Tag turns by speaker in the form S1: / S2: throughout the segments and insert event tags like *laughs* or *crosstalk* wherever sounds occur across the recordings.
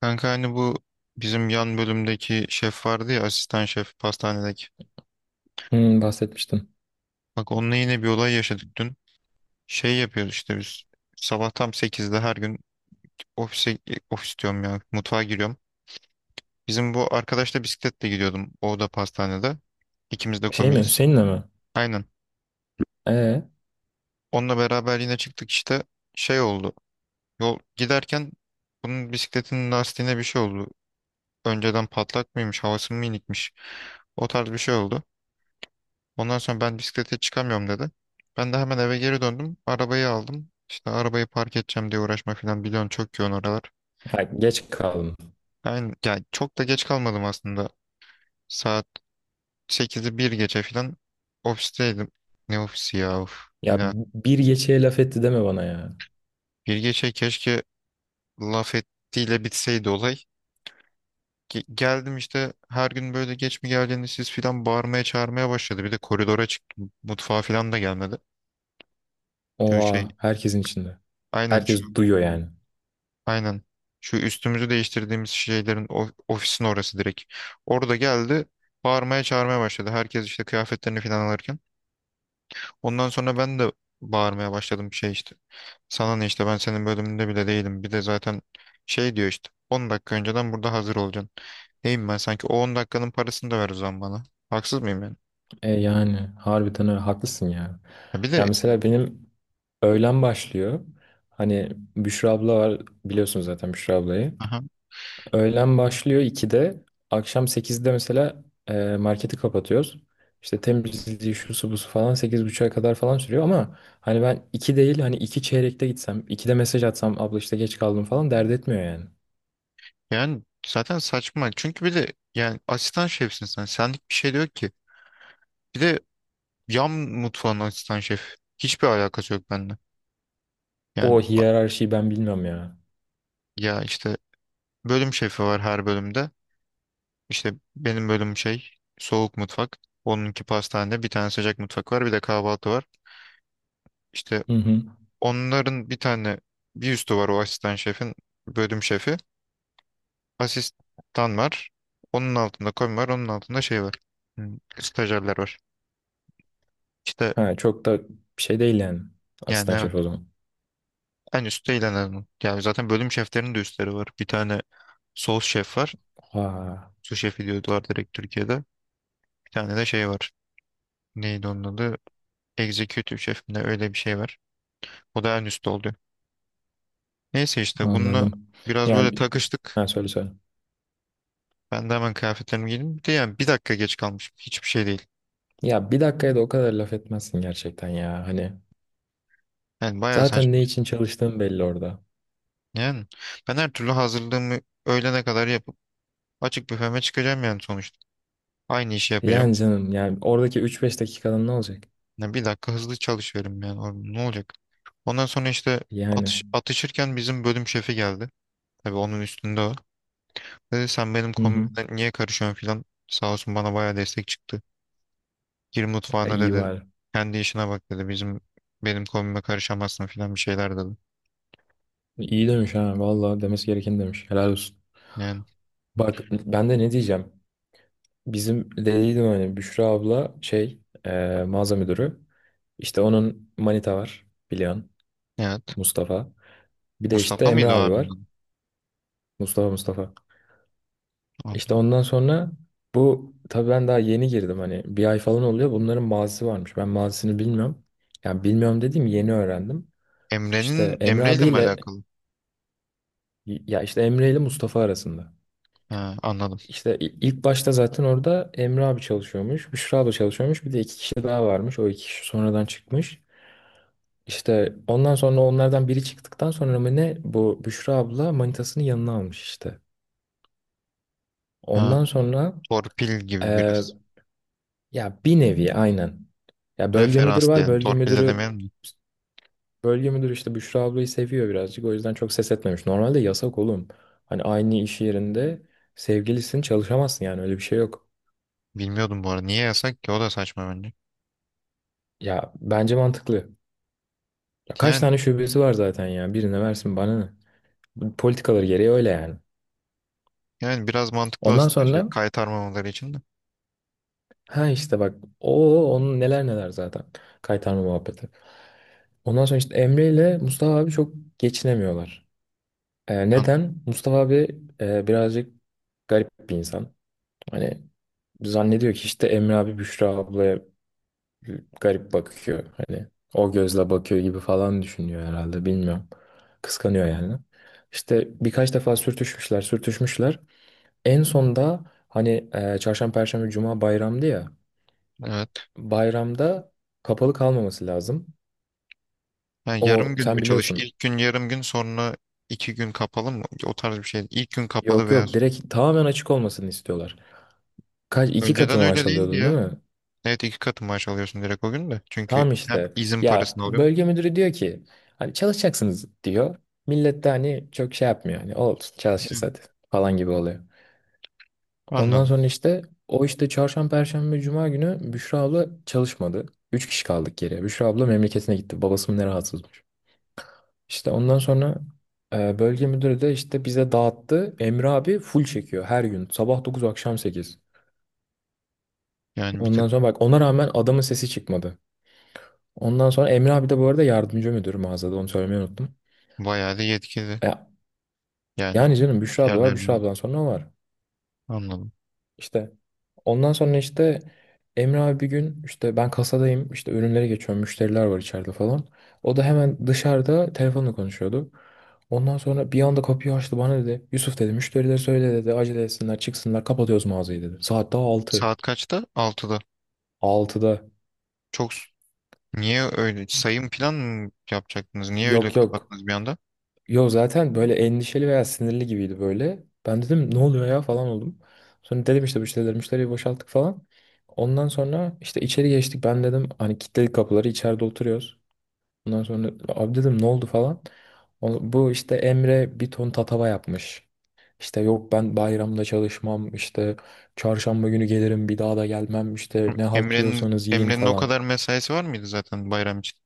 S1: Kanka hani bu bizim yan bölümdeki şef vardı ya, asistan şef pastanedeki.
S2: Hmm, bahsetmiştim.
S1: Bak, onunla yine bir olay yaşadık dün. Şey yapıyoruz işte biz sabah tam sekizde her gün ofise ofis diyorum ya, mutfağa giriyorum. Bizim bu arkadaşla bisikletle gidiyordum. O da pastanede. İkimiz de
S2: Şey mi?
S1: komiyiz.
S2: Hüseyin'le mi?
S1: Aynen.
S2: Ee,
S1: Onunla beraber yine çıktık işte, şey oldu. Yol giderken bunun bisikletinin lastiğine bir şey oldu. Önceden patlak mıymış, havası mı inikmiş. O tarz bir şey oldu. Ondan sonra ben bisiklete çıkamıyorum dedi. Ben de hemen eve geri döndüm. Arabayı aldım. İşte arabayı park edeceğim diye uğraşma falan, biliyorsun çok yoğun oralar.
S2: ha, geç kaldım.
S1: Ben yani çok da geç kalmadım aslında. Saat sekizi bir geçe falan ofisteydim. Ne ofisi ya, of.
S2: Ya
S1: Yine
S2: bir geçeye laf etti deme bana ya.
S1: bir geçe keşke laf ettiğiyle bitseydi olay. Geldim işte, her gün böyle geç mi geldiğini siz filan bağırmaya çağırmaya başladı. Bir de koridora çıktım. Mutfağa filan da gelmedi. Şu şey,
S2: Oha herkesin içinde.
S1: aynen şu.
S2: Herkes duyuyor yani.
S1: Aynen. Şu üstümüzü değiştirdiğimiz şeylerin, ofisin orası direkt. Orada geldi. Bağırmaya çağırmaya başladı. Herkes işte kıyafetlerini falan alırken. Ondan sonra ben de bağırmaya başladım şey işte. Sana ne işte, ben senin bölümünde bile değilim. Bir de zaten şey diyor işte, 10 dakika önceden burada hazır olacaksın. Neyim ben sanki, o 10 dakikanın parasını da ver o zaman bana. Haksız mıyım yani?
S2: E yani harbiden öyle haklısın ya.
S1: Ya bir
S2: Ya
S1: de
S2: mesela benim öğlen başlıyor. Hani Büşra abla var, biliyorsunuz zaten Büşra ablayı.
S1: aha,
S2: Öğlen başlıyor 2'de. Akşam 8'de mesela marketi kapatıyoruz. İşte temizliği şusu busu falan 8.30'a kadar falan sürüyor, ama hani ben 2 değil, hani 2 çeyrekte gitsem, 2'de mesaj atsam abla işte geç kaldım falan dert etmiyor yani.
S1: yani zaten saçma. Çünkü bir de yani asistan şefsin sen. Senlik bir şey diyor ki. Bir de yan mutfağın asistan şef. Hiçbir alakası yok bende.
S2: O
S1: Yani
S2: hiyerarşiyi ben bilmiyorum ya.
S1: ya işte, bölüm şefi var her bölümde. İşte benim bölüm şey, soğuk mutfak. Onunki pastanede, bir tane sıcak mutfak var, bir de kahvaltı var. İşte
S2: Hı hı.
S1: onların bir tane bir üstü var, o asistan şefin bölüm şefi. Asistan var. Onun altında komi var. Onun altında şey var. Hmm, stajyerler var. İşte
S2: Ha, çok da bir şey değil yani.
S1: yani
S2: Asistan
S1: evet.
S2: şef o zaman.
S1: En üstte ilan. Yani zaten bölüm şeflerinin de üstleri var. Bir tane sos şef var.
S2: Ha,
S1: Su şefi diyorlar direkt Türkiye'de. Bir tane de şey var. Neydi onun adı? Executive şef mi ne, öyle bir şey var. O da en üstte oluyor. Neyse, işte bununla
S2: anladım.
S1: biraz böyle
S2: Yani
S1: takıştık.
S2: ha, söyle söyle.
S1: Ben de hemen kıyafetlerimi giydim. Bir de yani bir dakika geç kalmış, hiçbir şey değil.
S2: Ya bir dakikaya da o kadar laf etmezsin gerçekten ya. Hani
S1: Yani bayağı saçma.
S2: zaten ne için çalıştığın belli orada.
S1: Yani ben her türlü hazırlığımı öğlene kadar yapıp açık büfeme çıkacağım yani sonuçta. Aynı işi yapacağım.
S2: Yani canım, yani oradaki üç beş dakikanın ne olacak?
S1: Yani bir dakika hızlı çalışıyorum yani. Orada ne olacak? Ondan sonra işte
S2: Yani.
S1: atışırken bizim bölüm şefi geldi. Tabii onun üstünde o. Dedi sen benim
S2: Hı
S1: kombime
S2: hı.
S1: niye karışıyorsun filan. Sağ olsun bana bayağı destek çıktı. Gir
S2: E,
S1: mutfağına
S2: İyi
S1: dedi.
S2: var.
S1: Kendi işine bak dedi. Benim kombime karışamazsın filan bir şeyler dedi.
S2: İyi demiş, ha, valla demesi gerekeni demiş. Helal olsun.
S1: Yani
S2: Bak ben de ne diyeceğim. Bizim dediydim hani, Büşra abla şey mağaza müdürü. İşte onun manita var, biliyorsun,
S1: evet.
S2: Mustafa. Bir de işte
S1: Mustafa
S2: Emre
S1: mıydı o
S2: abi
S1: abinin
S2: var.
S1: adı?
S2: Mustafa, Mustafa. İşte
S1: Anladım.
S2: ondan sonra, bu tabii ben daha yeni girdim, hani bir ay falan oluyor. Bunların mazisi varmış. Ben mazisini bilmiyorum. Yani bilmiyorum dediğim, yeni öğrendim.
S1: Emre'nin
S2: İşte Emre
S1: Emre'yle mi
S2: abiyle,
S1: alakalı?
S2: ya işte Emre ile Mustafa arasında.
S1: Ha, anladım.
S2: İşte ilk başta zaten orada Emre abi çalışıyormuş, Büşra abla çalışıyormuş. Bir de iki kişi daha varmış. O iki kişi sonradan çıkmış. İşte ondan sonra onlardan biri çıktıktan sonra mı ne, bu Büşra abla manitasını yanına almış işte.
S1: Ha,
S2: Ondan sonra
S1: torpil gibi
S2: e,
S1: biraz.
S2: ya bir nevi aynen. Ya bölge müdürü
S1: Referans
S2: var.
S1: diyelim. Torpil de demeyelim de.
S2: Bölge müdürü işte Büşra ablayı seviyor birazcık. O yüzden çok ses etmemiş. Normalde yasak oğlum. Hani aynı iş yerinde sevgilisin, çalışamazsın, yani öyle bir şey yok.
S1: Bilmiyordum bu arada. Niye
S2: İşte-
S1: yasak ki? O da saçma bence.
S2: ya bence mantıklı. Ya kaç
S1: Yani
S2: tane şubesi var zaten ya. Birine versin, bana ne. Bu politikaları gereği öyle yani.
S1: yani biraz mantıklı
S2: Ondan
S1: aslında şey,
S2: sonra
S1: kaytarmamaları için de.
S2: ha işte bak, o onun neler neler zaten. Kaytarma muhabbeti. Ondan sonra işte Emre ile Mustafa abi çok geçinemiyorlar.
S1: Ha,
S2: Neden? Mustafa abi birazcık garip bir insan. Hani zannediyor ki işte Emre abi Büşra ablaya garip bakıyor. Hani o gözle bakıyor gibi falan düşünüyor herhalde, bilmiyorum. Kıskanıyor yani. İşte birkaç defa sürtüşmüşler sürtüşmüşler. En sonda hani çarşamba, perşembe, cuma bayramdı ya.
S1: evet.
S2: Bayramda kapalı kalmaması lazım.
S1: Ha,
S2: O
S1: yarım gün mü
S2: sen
S1: çalış?
S2: biliyorsun.
S1: İlk gün yarım gün, sonra iki gün kapalı mı? O tarz bir şey. İlk gün kapalı
S2: Yok
S1: veya
S2: yok, direkt tamamen açık olmasını istiyorlar. Kaç iki katı
S1: önceden öyle
S2: maaş
S1: değildi
S2: alıyordun değil
S1: ya.
S2: mi?
S1: Evet, iki katı maaş alıyorsun direkt o gün de. Çünkü
S2: Tamam
S1: hem
S2: işte.
S1: izin
S2: Ya
S1: parasını alıyorsun.
S2: bölge müdürü diyor ki, hani çalışacaksınız diyor. Millet de hani çok şey yapmıyor. Hani olsun çalışırız
S1: Yani
S2: hadi falan gibi oluyor. Ondan
S1: anladım.
S2: sonra işte o işte çarşamba, perşembe, cuma günü Büşra abla çalışmadı. Üç kişi kaldık geriye. Büşra abla memleketine gitti. Babası mı ne rahatsızmış. İşte ondan sonra bölge müdürü de işte bize dağıttı. Emre abi full çekiyor her gün. Sabah 9, akşam 8.
S1: Yani bir tık
S2: Ondan sonra, bak, ona rağmen adamın sesi çıkmadı. Ondan sonra Emre abi de, bu arada yardımcı müdür mağazada, onu söylemeyi unuttum.
S1: bayağı da yetkili.
S2: E,
S1: Yani
S2: Yani canım Büşra abla var. Büşra
S1: diğerlerinin,
S2: abladan sonra o var.
S1: anladım.
S2: İşte ondan sonra işte Emre abi bir gün, işte ben kasadayım, işte ürünlere geçiyorum. Müşteriler var içeride falan. O da hemen dışarıda telefonla konuşuyordu. Ondan sonra bir anda kapıyı açtı, bana dedi. Yusuf dedi, müşterilere söyle dedi, acele etsinler çıksınlar, kapatıyoruz mağazayı dedi. Saat daha 6
S1: Saat kaçta? Altıda.
S2: 6'da.
S1: Çok s- niye öyle sayım plan mı yapacaktınız? Niye öyle
S2: Yok yok.
S1: kapattınız bir anda?
S2: Yo, zaten böyle endişeli veya sinirli gibiydi böyle. Ben dedim, ne oluyor ya falan oldum. Sonra dedim işte müşteriyi boşalttık falan. Ondan sonra işte içeri geçtik. Ben dedim hani, kilitledik kapıları, içeride oturuyoruz. Ondan sonra, abi dedim, ne oldu falan. Bu işte Emre bir ton tatava yapmış. İşte yok, ben bayramda çalışmam işte, çarşamba günü gelirim, bir daha da gelmem işte, ne halt
S1: Emre'nin
S2: yiyorsanız yiyin
S1: Emre'nin o
S2: falan.
S1: kadar mesaisi var mıydı zaten bayram için?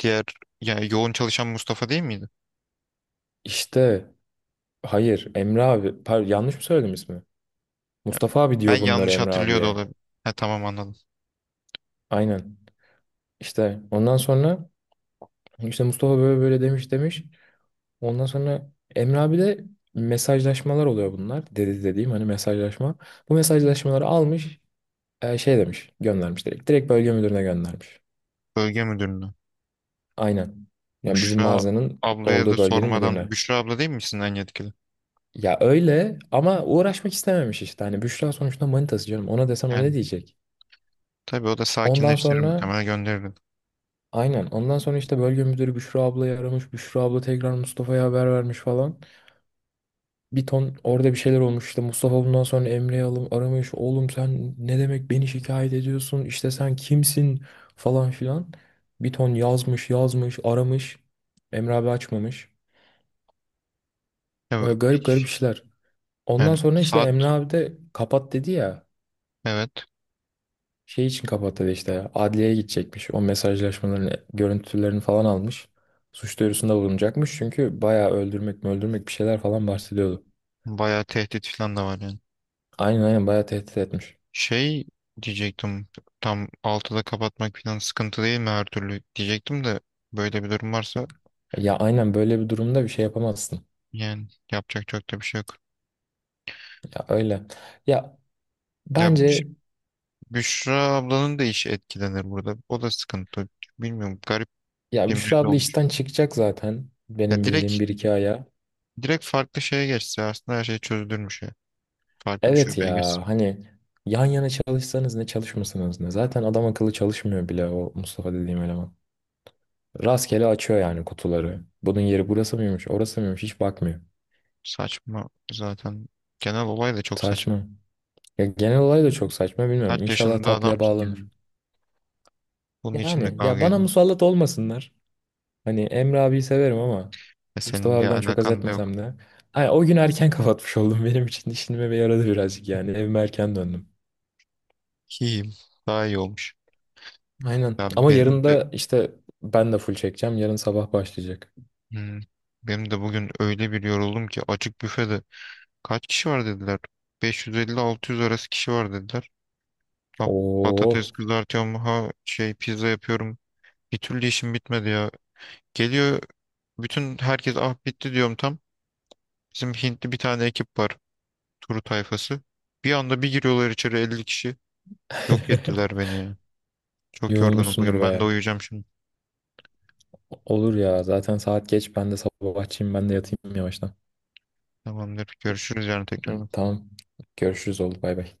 S1: Diğer, yani yoğun çalışan Mustafa değil miydi?
S2: İşte hayır, Emre abi pardon, yanlış mı söyledim ismi?
S1: Ya,
S2: Mustafa abi
S1: ben
S2: diyor bunları
S1: yanlış
S2: Emre
S1: hatırlıyor da
S2: abiye.
S1: olabilir. Ha tamam, anladım.
S2: Aynen. İşte ondan sonra işte Mustafa böyle böyle demiş demiş. Ondan sonra Emre abi de, mesajlaşmalar oluyor bunlar. Dediğim hani mesajlaşma. Bu mesajlaşmaları almış, şey demiş, göndermiş direkt. Direkt bölge müdürüne göndermiş.
S1: Bölge müdürünü.
S2: Aynen. Yani bizim
S1: Büşra
S2: mağazanın
S1: ablaya da
S2: olduğu bölgenin müdürüne.
S1: sormadan. Büşra abla değil misin en yetkili?
S2: Ya öyle, ama uğraşmak istememiş işte. Hani Büşra sonuçta manitası canım. Ona desen o ne
S1: Yani
S2: diyecek?
S1: tabii o da
S2: Ondan
S1: sakinleştirir,
S2: sonra
S1: muhtemelen gönderir.
S2: aynen. Ondan sonra işte bölge müdürü Büşra ablayı aramış. Büşra abla tekrar Mustafa'ya haber vermiş falan. Bir ton orada bir şeyler olmuş işte. Mustafa bundan sonra Emre'yi alım aramış, oğlum sen ne demek beni şikayet ediyorsun, İşte sen kimsin falan filan. Bir ton yazmış yazmış, aramış. Emre abi açmamış.
S1: Ya,
S2: Öyle
S1: bu-
S2: garip garip işler. Ondan
S1: yani
S2: sonra işte
S1: saat,
S2: Emre abi de kapat dedi ya,
S1: evet,
S2: şey için kapattı işte, adliyeye gidecekmiş, o mesajlaşmaların görüntülerini falan almış, suç duyurusunda bulunacakmış, çünkü bayağı öldürmek mi öldürmek bir şeyler falan bahsediyordu.
S1: bayağı tehdit falan da var yani.
S2: Aynen, aynen, bayağı tehdit etmiş.
S1: Şey diyecektim, tam 6'da kapatmak falan sıkıntı değil mi her türlü diyecektim de böyle bir durum varsa
S2: Ya aynen, böyle bir durumda bir şey yapamazsın.
S1: yani yapacak çok da bir şey yok.
S2: Ya öyle. Ya
S1: Ya Büş-
S2: bence,
S1: Büşra ablanın da işi etkilenir burada. O da sıkıntı. Bilmiyorum.
S2: ya
S1: Kim
S2: Büşra
S1: belli
S2: abla
S1: olmuş.
S2: işten çıkacak zaten.
S1: Ya
S2: Benim
S1: direkt
S2: bildiğim bir iki aya.
S1: direkt farklı şeye geçse aslında her şey çözülürmüş ya. Farklı bir
S2: Evet
S1: şubeye
S2: ya,
S1: geçse.
S2: hani yan yana çalışsanız ne, çalışmasanız ne. Zaten adam akıllı çalışmıyor bile, o Mustafa dediğim eleman. Rastgele açıyor yani kutuları. Bunun yeri burası mıymış, orası mıymış hiç bakmıyor.
S1: Saçma zaten. Genel olay da çok saçma.
S2: Saçma. Ya genel olay da çok saçma,
S1: Kaç
S2: bilmiyorum. İnşallah
S1: yaşında
S2: tatlıya
S1: adamsın
S2: bağlanır.
S1: yani. Bunun için mi
S2: Yani ya,
S1: kavga
S2: bana
S1: edin?
S2: musallat olmasınlar. Hani Emre abiyi severim, ama
S1: Ya
S2: Mustafa
S1: senin bir
S2: abiden çok haz
S1: alakan da yok.
S2: etmesem de. Ay, o gün erken *laughs* kapatmış oldum. Benim için işinime yaradı birazcık yani. Evime erken döndüm.
S1: Ki daha iyi olmuş.
S2: Aynen.
S1: Ya
S2: Ama
S1: benim
S2: yarın
S1: de
S2: da işte ben de full çekeceğim. Yarın sabah başlayacak.
S1: hmm, benim de bugün öyle bir yoruldum ki açık büfede kaç kişi var dediler. 550-600 arası kişi var dediler. Ha,
S2: Oo.
S1: patates kızartıyorum, ha şey, pizza yapıyorum. Bir türlü işim bitmedi ya. Geliyor. Bütün herkes, ah bitti diyorum tam. Bizim Hintli bir tane ekip var. Turu tayfası. Bir anda bir giriyorlar içeri 50 kişi. Yok ettiler
S2: *laughs*
S1: beni ya. Çok yorgunum
S2: Yorulmuşsundur
S1: bugün. Ben de
S2: baya.
S1: uyuyacağım şimdi.
S2: Olur ya. Zaten saat geç. Ben de sabahçıyım. Ben de yatayım yavaştan.
S1: Tamamdır. Görüşürüz yarın tekrar.
S2: Tamam. Görüşürüz oldu. Bay bay.